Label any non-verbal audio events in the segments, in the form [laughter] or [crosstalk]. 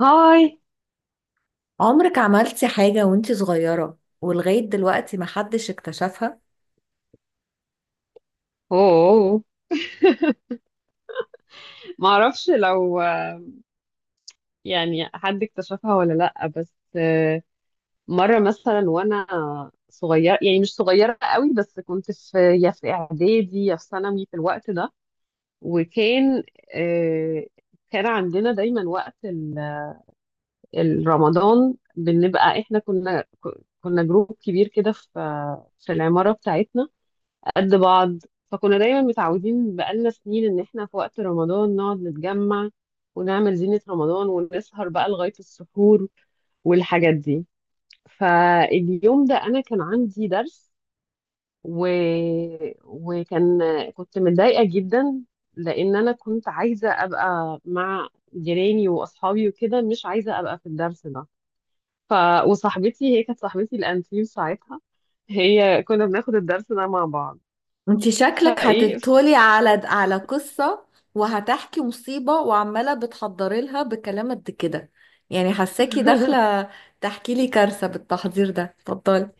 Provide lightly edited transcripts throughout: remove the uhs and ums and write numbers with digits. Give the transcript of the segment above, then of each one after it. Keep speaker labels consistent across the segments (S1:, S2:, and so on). S1: هاي.
S2: عمرك عملتي حاجة وانتي صغيرة ولغاية دلوقتي محدش اكتشفها؟
S1: اوه. ما اعرفش. لو يعني حد اكتشفها ولا لا، بس مرة مثلا وانا صغيرة، يعني مش صغيرة قوي، بس كنت يا في اعدادي يا في ثانوي في الوقت ده. وكان آه، كان عندنا دايما وقت الرمضان. بنبقى احنا كنا جروب كبير كده في العمارة بتاعتنا قد بعض. فكنا دايما متعودين بقالنا سنين ان احنا في وقت رمضان نقعد نتجمع ونعمل زينة رمضان ونسهر بقى لغاية السحور والحاجات دي. فاليوم ده انا كان عندي درس و... وكان كنت متضايقة جدا لان انا كنت عايزة ابقى مع جيراني واصحابي وكده، مش عايزة ابقى في الدرس ده. ف... وصاحبتي، هي كانت صاحبتي الانتيم ساعتها. كنا بناخد الدرس ده مع بعض.
S2: وانتي شكلك
S1: فايه.
S2: هتبتولي على قصة وهتحكي مصيبة وعمالة بتحضري لها بكلام قد كده، يعني حساكي
S1: [laughs]
S2: داخلة تحكي لي كارثة بالتحضير ده، اتفضلي.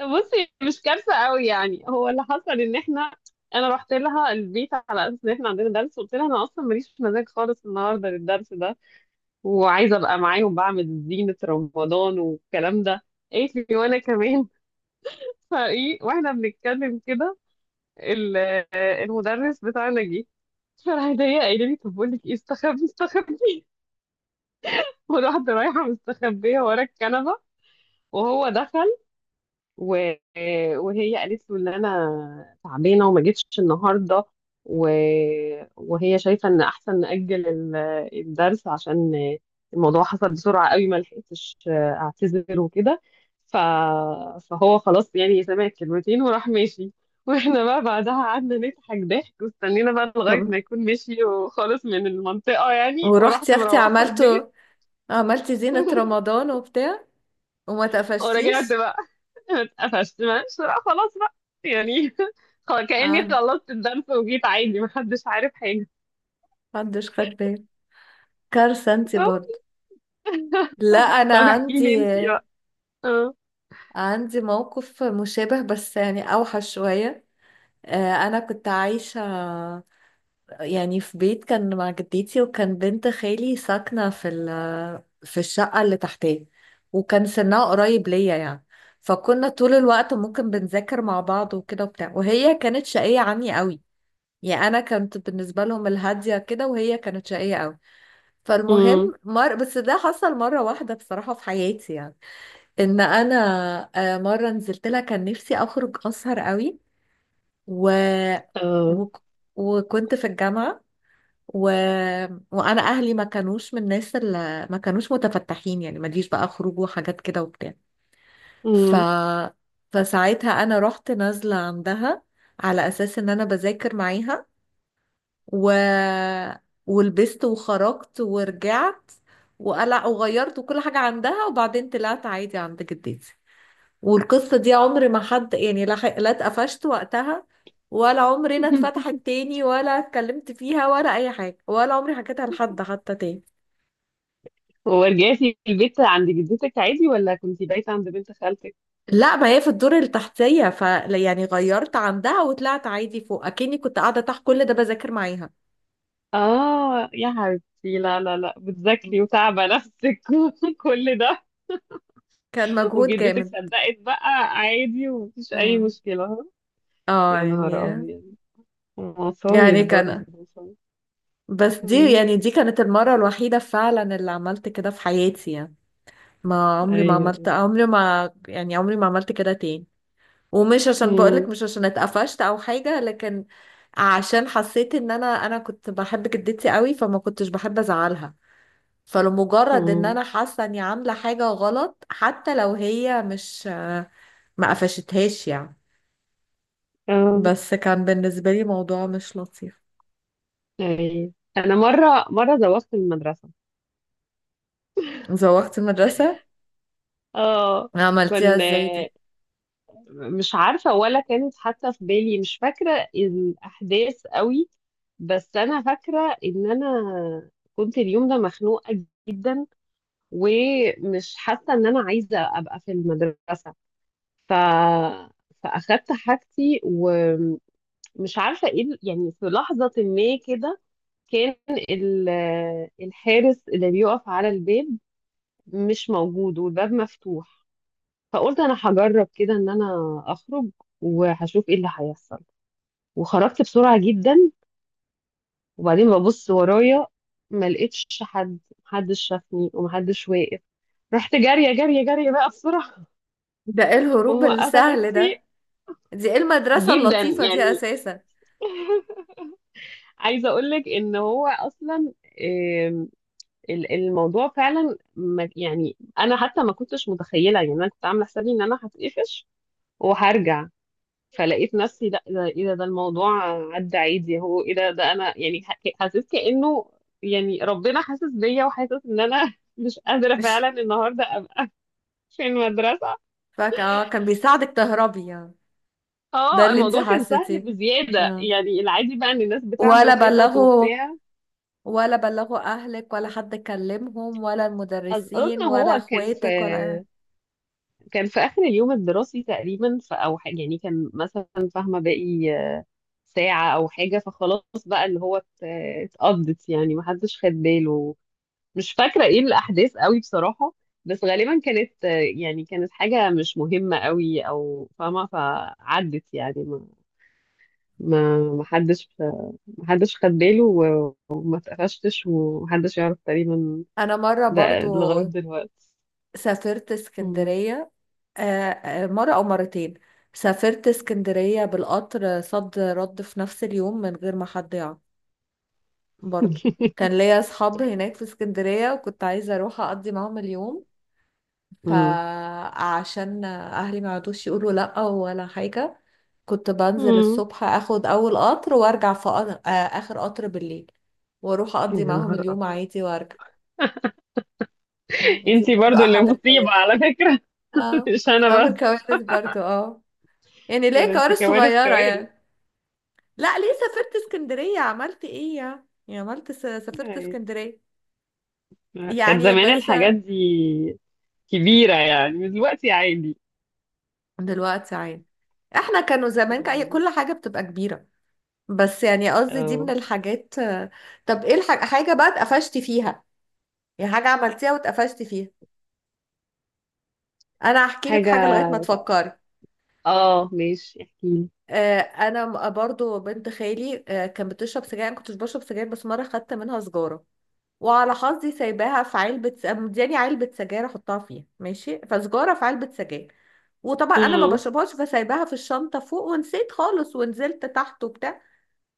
S1: بصي، مش كارثه قوي يعني. هو اللي حصل ان احنا انا رحت لها البيت على اساس ان احنا عندنا درس. وقلت لها انا اصلا ماليش مزاج خالص النهارده للدرس ده، وعايزه ابقى معاهم بعمل زينه رمضان والكلام ده. قالت لي وانا كمان. [laughs] فايه، واحنا بنتكلم كده ال- المدرس بتاعنا جه. فراح ضايق قايله لي طب بقول لك ايه، استخبي استخبي. [laughs] والواحده رايحه مستخبيه ورا الكنبه وهو دخل و- وهي قالت له ان انا تعبانه وما جيتش النهارده. و... وهي شايفه ان احسن ناجل الدرس عشان الموضوع حصل بسرعه قوي، ما لحقتش اعتذر وكده. ف... فهو خلاص يعني سمع الكلمتين وراح ماشي. واحنا بقى بعدها قعدنا نضحك ضحك، واستنينا بقى لغايه
S2: طب
S1: ما يكون مشي وخالص من المنطقه يعني،
S2: ورحتي
S1: ورحت
S2: يا اختي
S1: مروحه البيت.
S2: عملتي زينة
S1: [laughs]
S2: رمضان وبتاع وما
S1: ورجعت
S2: تقفشتيش؟
S1: بقى. اتقفشت؟ ماشي، لا خلاص بقى يعني. [laughs] خلاص، كأني
S2: عن-
S1: خلصت الدرس وجيت عادي محدش عارف حاجة.
S2: محدش خد بالي، كارثة انتي برضه.
S1: [laughs]
S2: لا انا
S1: طب احكي لي
S2: عندي
S1: انت بقى. اه.
S2: عندي موقف مشابه بس يعني أوحش شوية. أنا كنت عايشة يعني في بيت، كان مع جدتي، وكان بنت خالي ساكنة في في الشقة اللي تحتيه، وكان سنها قريب ليا يعني. فكنا طول الوقت ممكن بنذاكر مع بعض وكده وبتاع، وهي كانت شقية عني قوي، يعني أنا كنت بالنسبة لهم الهادية كده وهي كانت شقية قوي.
S1: امم.
S2: فالمهم بس ده حصل مرة واحدة بصراحة في حياتي يعني، ان انا مره نزلت لها، كان نفسي اخرج اسهر قوي و...
S1: اه.
S2: و... وكنت في الجامعه، و... وانا اهلي ما كانوش من الناس اللي ما كانوش متفتحين، يعني ما ليش بقى خروج وحاجات كده وبتاع. ف...
S1: امم.
S2: فساعتها انا رحت نازله عندها على اساس ان انا بذاكر معاها، و... ولبست وخرجت ورجعت وقلع وغيرت وكل حاجه عندها، وبعدين طلعت عادي عند جدتي. والقصة دي عمر ما حد يعني لا لا اتقفشت وقتها، ولا عمرنا
S1: [laughs]
S2: اتفتحت تاني، ولا اتكلمت فيها ولا أي حاجة، ولا عمري حكيتها لحد حتى تاني.
S1: ورجعتي البيت عند جدتك عادي ولا كنتي بايتة عند بنت خالتك؟
S2: لا ما هي في الدور التحتية، يعني غيرت عندها وطلعت عادي فوق، أكني كنت قاعدة تحت كل ده بذاكر معاها.
S1: اه يا حبيبتي، لا لا لا، بتذاكري وتعبة نفسك. [laughs] وكل ده.
S2: كان مجهود
S1: وجدتك
S2: جامد.
S1: صدقت بقى، عادي ومفيش أي
S2: اه
S1: مشكلة، ها؟
S2: اه
S1: يا نهار
S2: يعني
S1: أبيض،
S2: يعني
S1: مصايب برضه مصايب.
S2: بس دي،
S1: أمم.
S2: يعني دي كانت المرة الوحيدة فعلا اللي عملت كده في حياتي، يعني ما عمري ما عملت،
S1: أيوه،
S2: عمري ما، يعني عمري ما عملت كده تاني. ومش عشان بقولك
S1: أيوه.
S2: مش عشان اتقفشت او حاجة، لكن عشان حسيت ان انا كنت بحب جدتي قوي، فما كنتش بحب ازعلها. فلمجرد ان
S1: مم.
S2: انا حاسة اني عاملة حاجة غلط، حتى لو هي مش ما قفشتهاش يعني،
S1: اه،
S2: بس كان بالنسبة لي موضوع مش لطيف.
S1: ايوه. انا مره زوغت من المدرسه.
S2: زوغت المدرسة؟
S1: اه.
S2: عملتيها
S1: كان
S2: ازاي
S1: آه،
S2: دي؟
S1: مش عارفه. ولا كانت حتى في بالي، مش فاكره الاحداث قوي. بس انا فاكره ان انا كنت اليوم ده مخنوقه جدا، ومش حاسه ان انا عايزه ابقى في المدرسه. ف فاخدت حاجتي، ومش عارفه ايه يعني في لحظه ما كده كان ال- الحارس اللي بيقف على الباب مش موجود، والباب مفتوح. فقلت انا هجرب كده ان انا اخرج، وهشوف ايه اللي هيحصل. وخرجت بسرعة جدا، وبعدين ببص ورايا، ما لقيتش حد. محدش شافني ومحدش واقف، رحت جارية جارية جارية بقى بسرعة.
S2: ده ايه
S1: [laughs]
S2: الهروب
S1: وموقفة
S2: السهل ده؟
S1: تاكسي.
S2: دي ايه المدرسة
S1: جدا
S2: اللطيفة دي
S1: يعني.
S2: اساسا؟
S1: عايزة اقولك ان هو اصلا، آم، الموضوع فعلا، يعني انا حتى ما كنتش متخيلة، يعني انا كنت عاملة حسابي ان انا هتقفش وهرجع. فلقيت نفسي، لا، ده ايه ده الموضوع عدى عادي. هو ايه ده انا يعني حسيت كأنه يعني ربنا حاسس بيا، وحاسس ان انا [laughs] مش قادرة
S2: [laughs]
S1: فعلا النهارده ابقى في المدرسة.
S2: كان بيساعدك تهربي يعني. ده
S1: اه
S2: اللي انت
S1: الموضوع كان سهل
S2: حسيتيه؟
S1: بزيادة
S2: اه.
S1: يعني، العادي بقى ان الناس بتعمل
S2: ولا
S1: خطط
S2: بلغوا
S1: وبتاع.
S2: اهلك، ولا حد كلمهم، ولا
S1: اظن
S2: المدرسين، ولا
S1: هو كان في
S2: اخواتك،
S1: كان في اخر اليوم الدراسي تقريبا، او حاجة يعني. كان مثلا فاهمة باقي ساعة او حاجة، فخلاص بقى اللي هو اتقضت يعني، محدش خد باله. مش فاكرة ايه الأحداث قوي بصراحة، بس غالبا كانت يعني كانت حاجة مش مهمة قوي، أو فاهمة فعدت يعني. ما ما حدش ما حدش خد باله وما اتقفشتش ومحدش يعرف تقريبا،
S2: انا مره
S1: ده
S2: برضو
S1: لغاية دلوقتي.
S2: سافرت
S1: مم.
S2: اسكندريه، مره او مرتين سافرت اسكندريه بالقطر صد رد في نفس اليوم من غير ما حد يعرف، برضو.
S1: [laughs]
S2: كان ليا اصحاب هناك في اسكندريه، وكنت عايزه اروح اقضي معاهم اليوم.
S1: مم.
S2: فعشان اهلي ما يقعدوش يقولوا لا ولا حاجه، كنت بنزل
S1: مم.
S2: الصبح اخد اول قطر وارجع في قطر آه، اخر قطر بالليل، واروح اقضي
S1: يا
S2: معاهم
S1: نهار
S2: اليوم
S1: أبيض.
S2: عادي وارجع. دي
S1: انتي
S2: برضه
S1: برضو اللي
S2: احد الكوارث.
S1: مصيبة على فكرة.
S2: اه
S1: [laughs] مش
S2: كنت
S1: أنا بس،
S2: بعمل كوارث برضه، يعني ليه،
S1: ده انتي
S2: كوارث
S1: كوارث
S2: صغيره
S1: كوارث
S2: يعني. لا ليه سافرت اسكندريه، عملت ايه يعني سافرت
S1: يعني.
S2: اسكندريه
S1: كان
S2: يعني،
S1: زمان
S2: بس.
S1: الحاجات دي كبيرة يعني، دلوقتي عادي.
S2: دلوقتي عادي. احنا كانوا زمان
S1: مم.
S2: كل حاجه بتبقى كبيره. بس يعني قصدي دي من
S1: اه.
S2: الحاجات، طب ايه حاجة بقى اتقفشتي فيها؟ يعني حاجة عملتيها واتقفشتي فيها؟ انا هحكي لك
S1: حاجة.
S2: حاجة لغاية ما تفكري.
S1: اه ماشي، احكيلي.
S2: انا برضو بنت خالي كانت بتشرب سجاير، انا كنتش بشرب سجاير، بس مرة خدت منها سجارة. وعلى حظي سايباها في علبة مدياني علبة سجاير احطها فيها ماشي، فسجارة في علبة سجاير، وطبعا انا ما
S1: مم.
S2: بشربهاش، فسايباها في الشنطة فوق ونسيت خالص، ونزلت تحت وبتاع.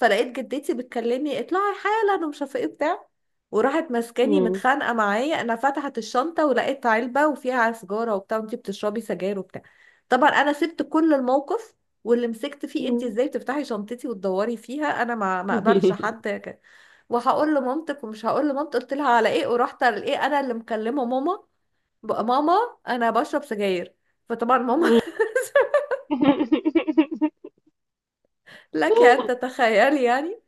S2: فلقيت جدتي بتكلمني، اطلعي حالا، ومش عارفه ايه بتاع، وراحت ماسكاني
S1: مم.
S2: متخانقه معايا، انا فتحت الشنطه ولقيت علبه وفيها سجاره وبتاع، وانتي بتشربي سجاير وبتاع. طبعا انا سبت كل الموقف واللي مسكت فيه، انتي
S1: مم.
S2: ازاي بتفتحي شنطتي وتدوري فيها، انا ما اقبلش حد وهقول لمامتك ومش هقول لمامتك. قلت لها على ايه، ورحت على ايه، انا اللي مكلمه ماما، بقى ماما انا بشرب سجاير، فطبعا ماما.
S1: [laughs]
S2: [laughs] لك ان تتخيلي يعني.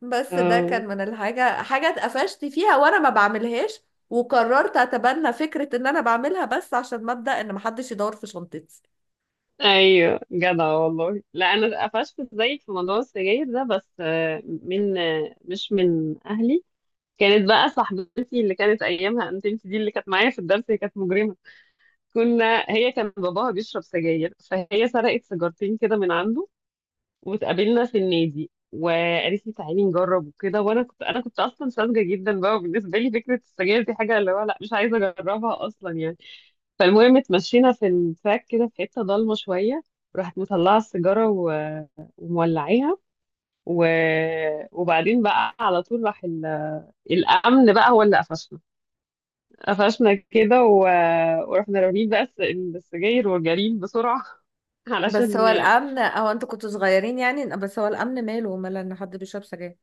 S2: بس ده
S1: اه،
S2: كان من حاجة اتقفشت فيها وانا ما بعملهاش، وقررت اتبنى فكرة ان انا بعملها بس عشان مبدأ ان محدش يدور في شنطتي.
S1: ايوه جدع والله. لا، انا قفشت زيك في موضوع السجاير ده، بس من مش من اهلي. كانت بقى صاحبتي اللي كانت ايامها، انت دي اللي كانت معايا في الدرس، هي كانت مجرمه. هي كان باباها بيشرب سجاير، فهي سرقت سيجارتين كده من عنده. واتقابلنا في النادي، وقالت لي تعالي نجرب وكده. وانا كنت اصلا ساذجه جدا بقى. وبالنسبه لي فكره السجاير دي حاجه اللي هو لا، مش عايزه اجربها اصلا يعني. فالمهم اتمشينا في التراك كده في حته ضلمه شويه، راحت مطلعه السيجاره ومولعيها. و... وبعدين بقى على طول راح الامن بقى هو اللي قفشنا كده. ورحنا رامين بقى السجاير وجارين بسرعه. [laughs]
S2: بس
S1: علشان.
S2: هو الامن، او انتوا كنتوا صغيرين يعني، بس هو الامن ماله ان حد بيشرب سجاير؟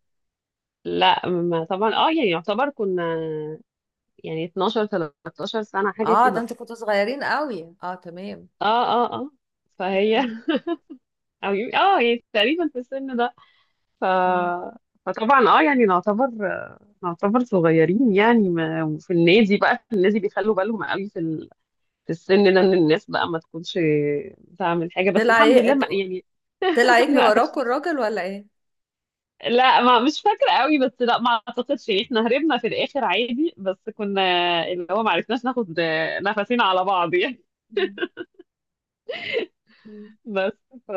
S1: لا، ما طبعا. اه يعني يعتبر كنا يعني 12 13 سنة حاجة
S2: اه ده
S1: كده.
S2: انتوا كنتوا صغيرين قوي، اه تمام.
S1: اه اه اه. فهي.
S2: مم.
S1: [laughs] او اه يعني تقريبا في السن ده. ف
S2: مم.
S1: فطبعا اه يعني، نعتبر صغيرين يعني. ما في النادي بيخلوا بالهم قوي في في السن ده، ان الناس بقى ما تكونش بتعمل حاجة، بس
S2: طلع
S1: الحمد لله
S2: ايه،
S1: ما يعني.
S2: طلع
S1: [laughs]
S2: يجري
S1: ما
S2: وراكوا
S1: قفشناش.
S2: الراجل ولا ايه؟
S1: لا، ما مش فاكرة قوي، بس لا، ما اعتقدش يعني، احنا هربنا في الاخر عادي. بس كنا اللي هو ما عرفناش ناخد نفسنا على بعض يعني.
S2: مم. مم.
S1: بس. ف...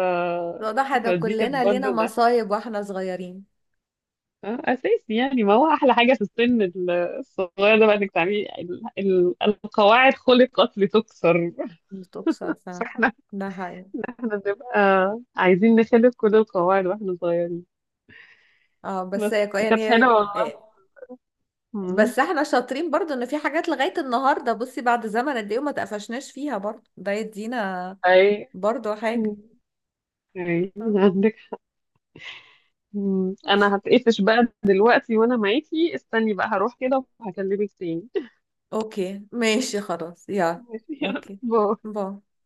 S2: واضح، ده
S1: فدي كانت
S2: كلنا لينا
S1: برضه ده
S2: مصايب واحنا صغيرين.
S1: اساسي يعني. ما هو احلى حاجه في السن الصغير ده بقى، انك تعملي القواعد خلقت لتكسر. [laughs]
S2: بتكسر فعلا.
S1: فاحنا
S2: ده حقيقي.
S1: احنا بنبقى عايزين نخلق كل القواعد واحنا صغيرين.
S2: اه، بس
S1: بس كانت
S2: يعني
S1: حلوه والله. مم.
S2: بس احنا شاطرين برضو ان في حاجات لغاية النهاردة، بصي بعد زمن قد ايه وما تقفشناش فيها، برضو ده يدينا
S1: اي.
S2: برضو حاجة.
S1: مم. اي،
S2: آه،
S1: عندك. مم.
S2: ماشي.
S1: انا هتقفش بقى دلوقتي وانا معاكي، استني بقى هروح كده وهكلمك تاني. [laughs]
S2: اوكي ماشي خلاص يلا.
S1: ماشي يلا.
S2: اوكي،
S1: باي.
S2: باي.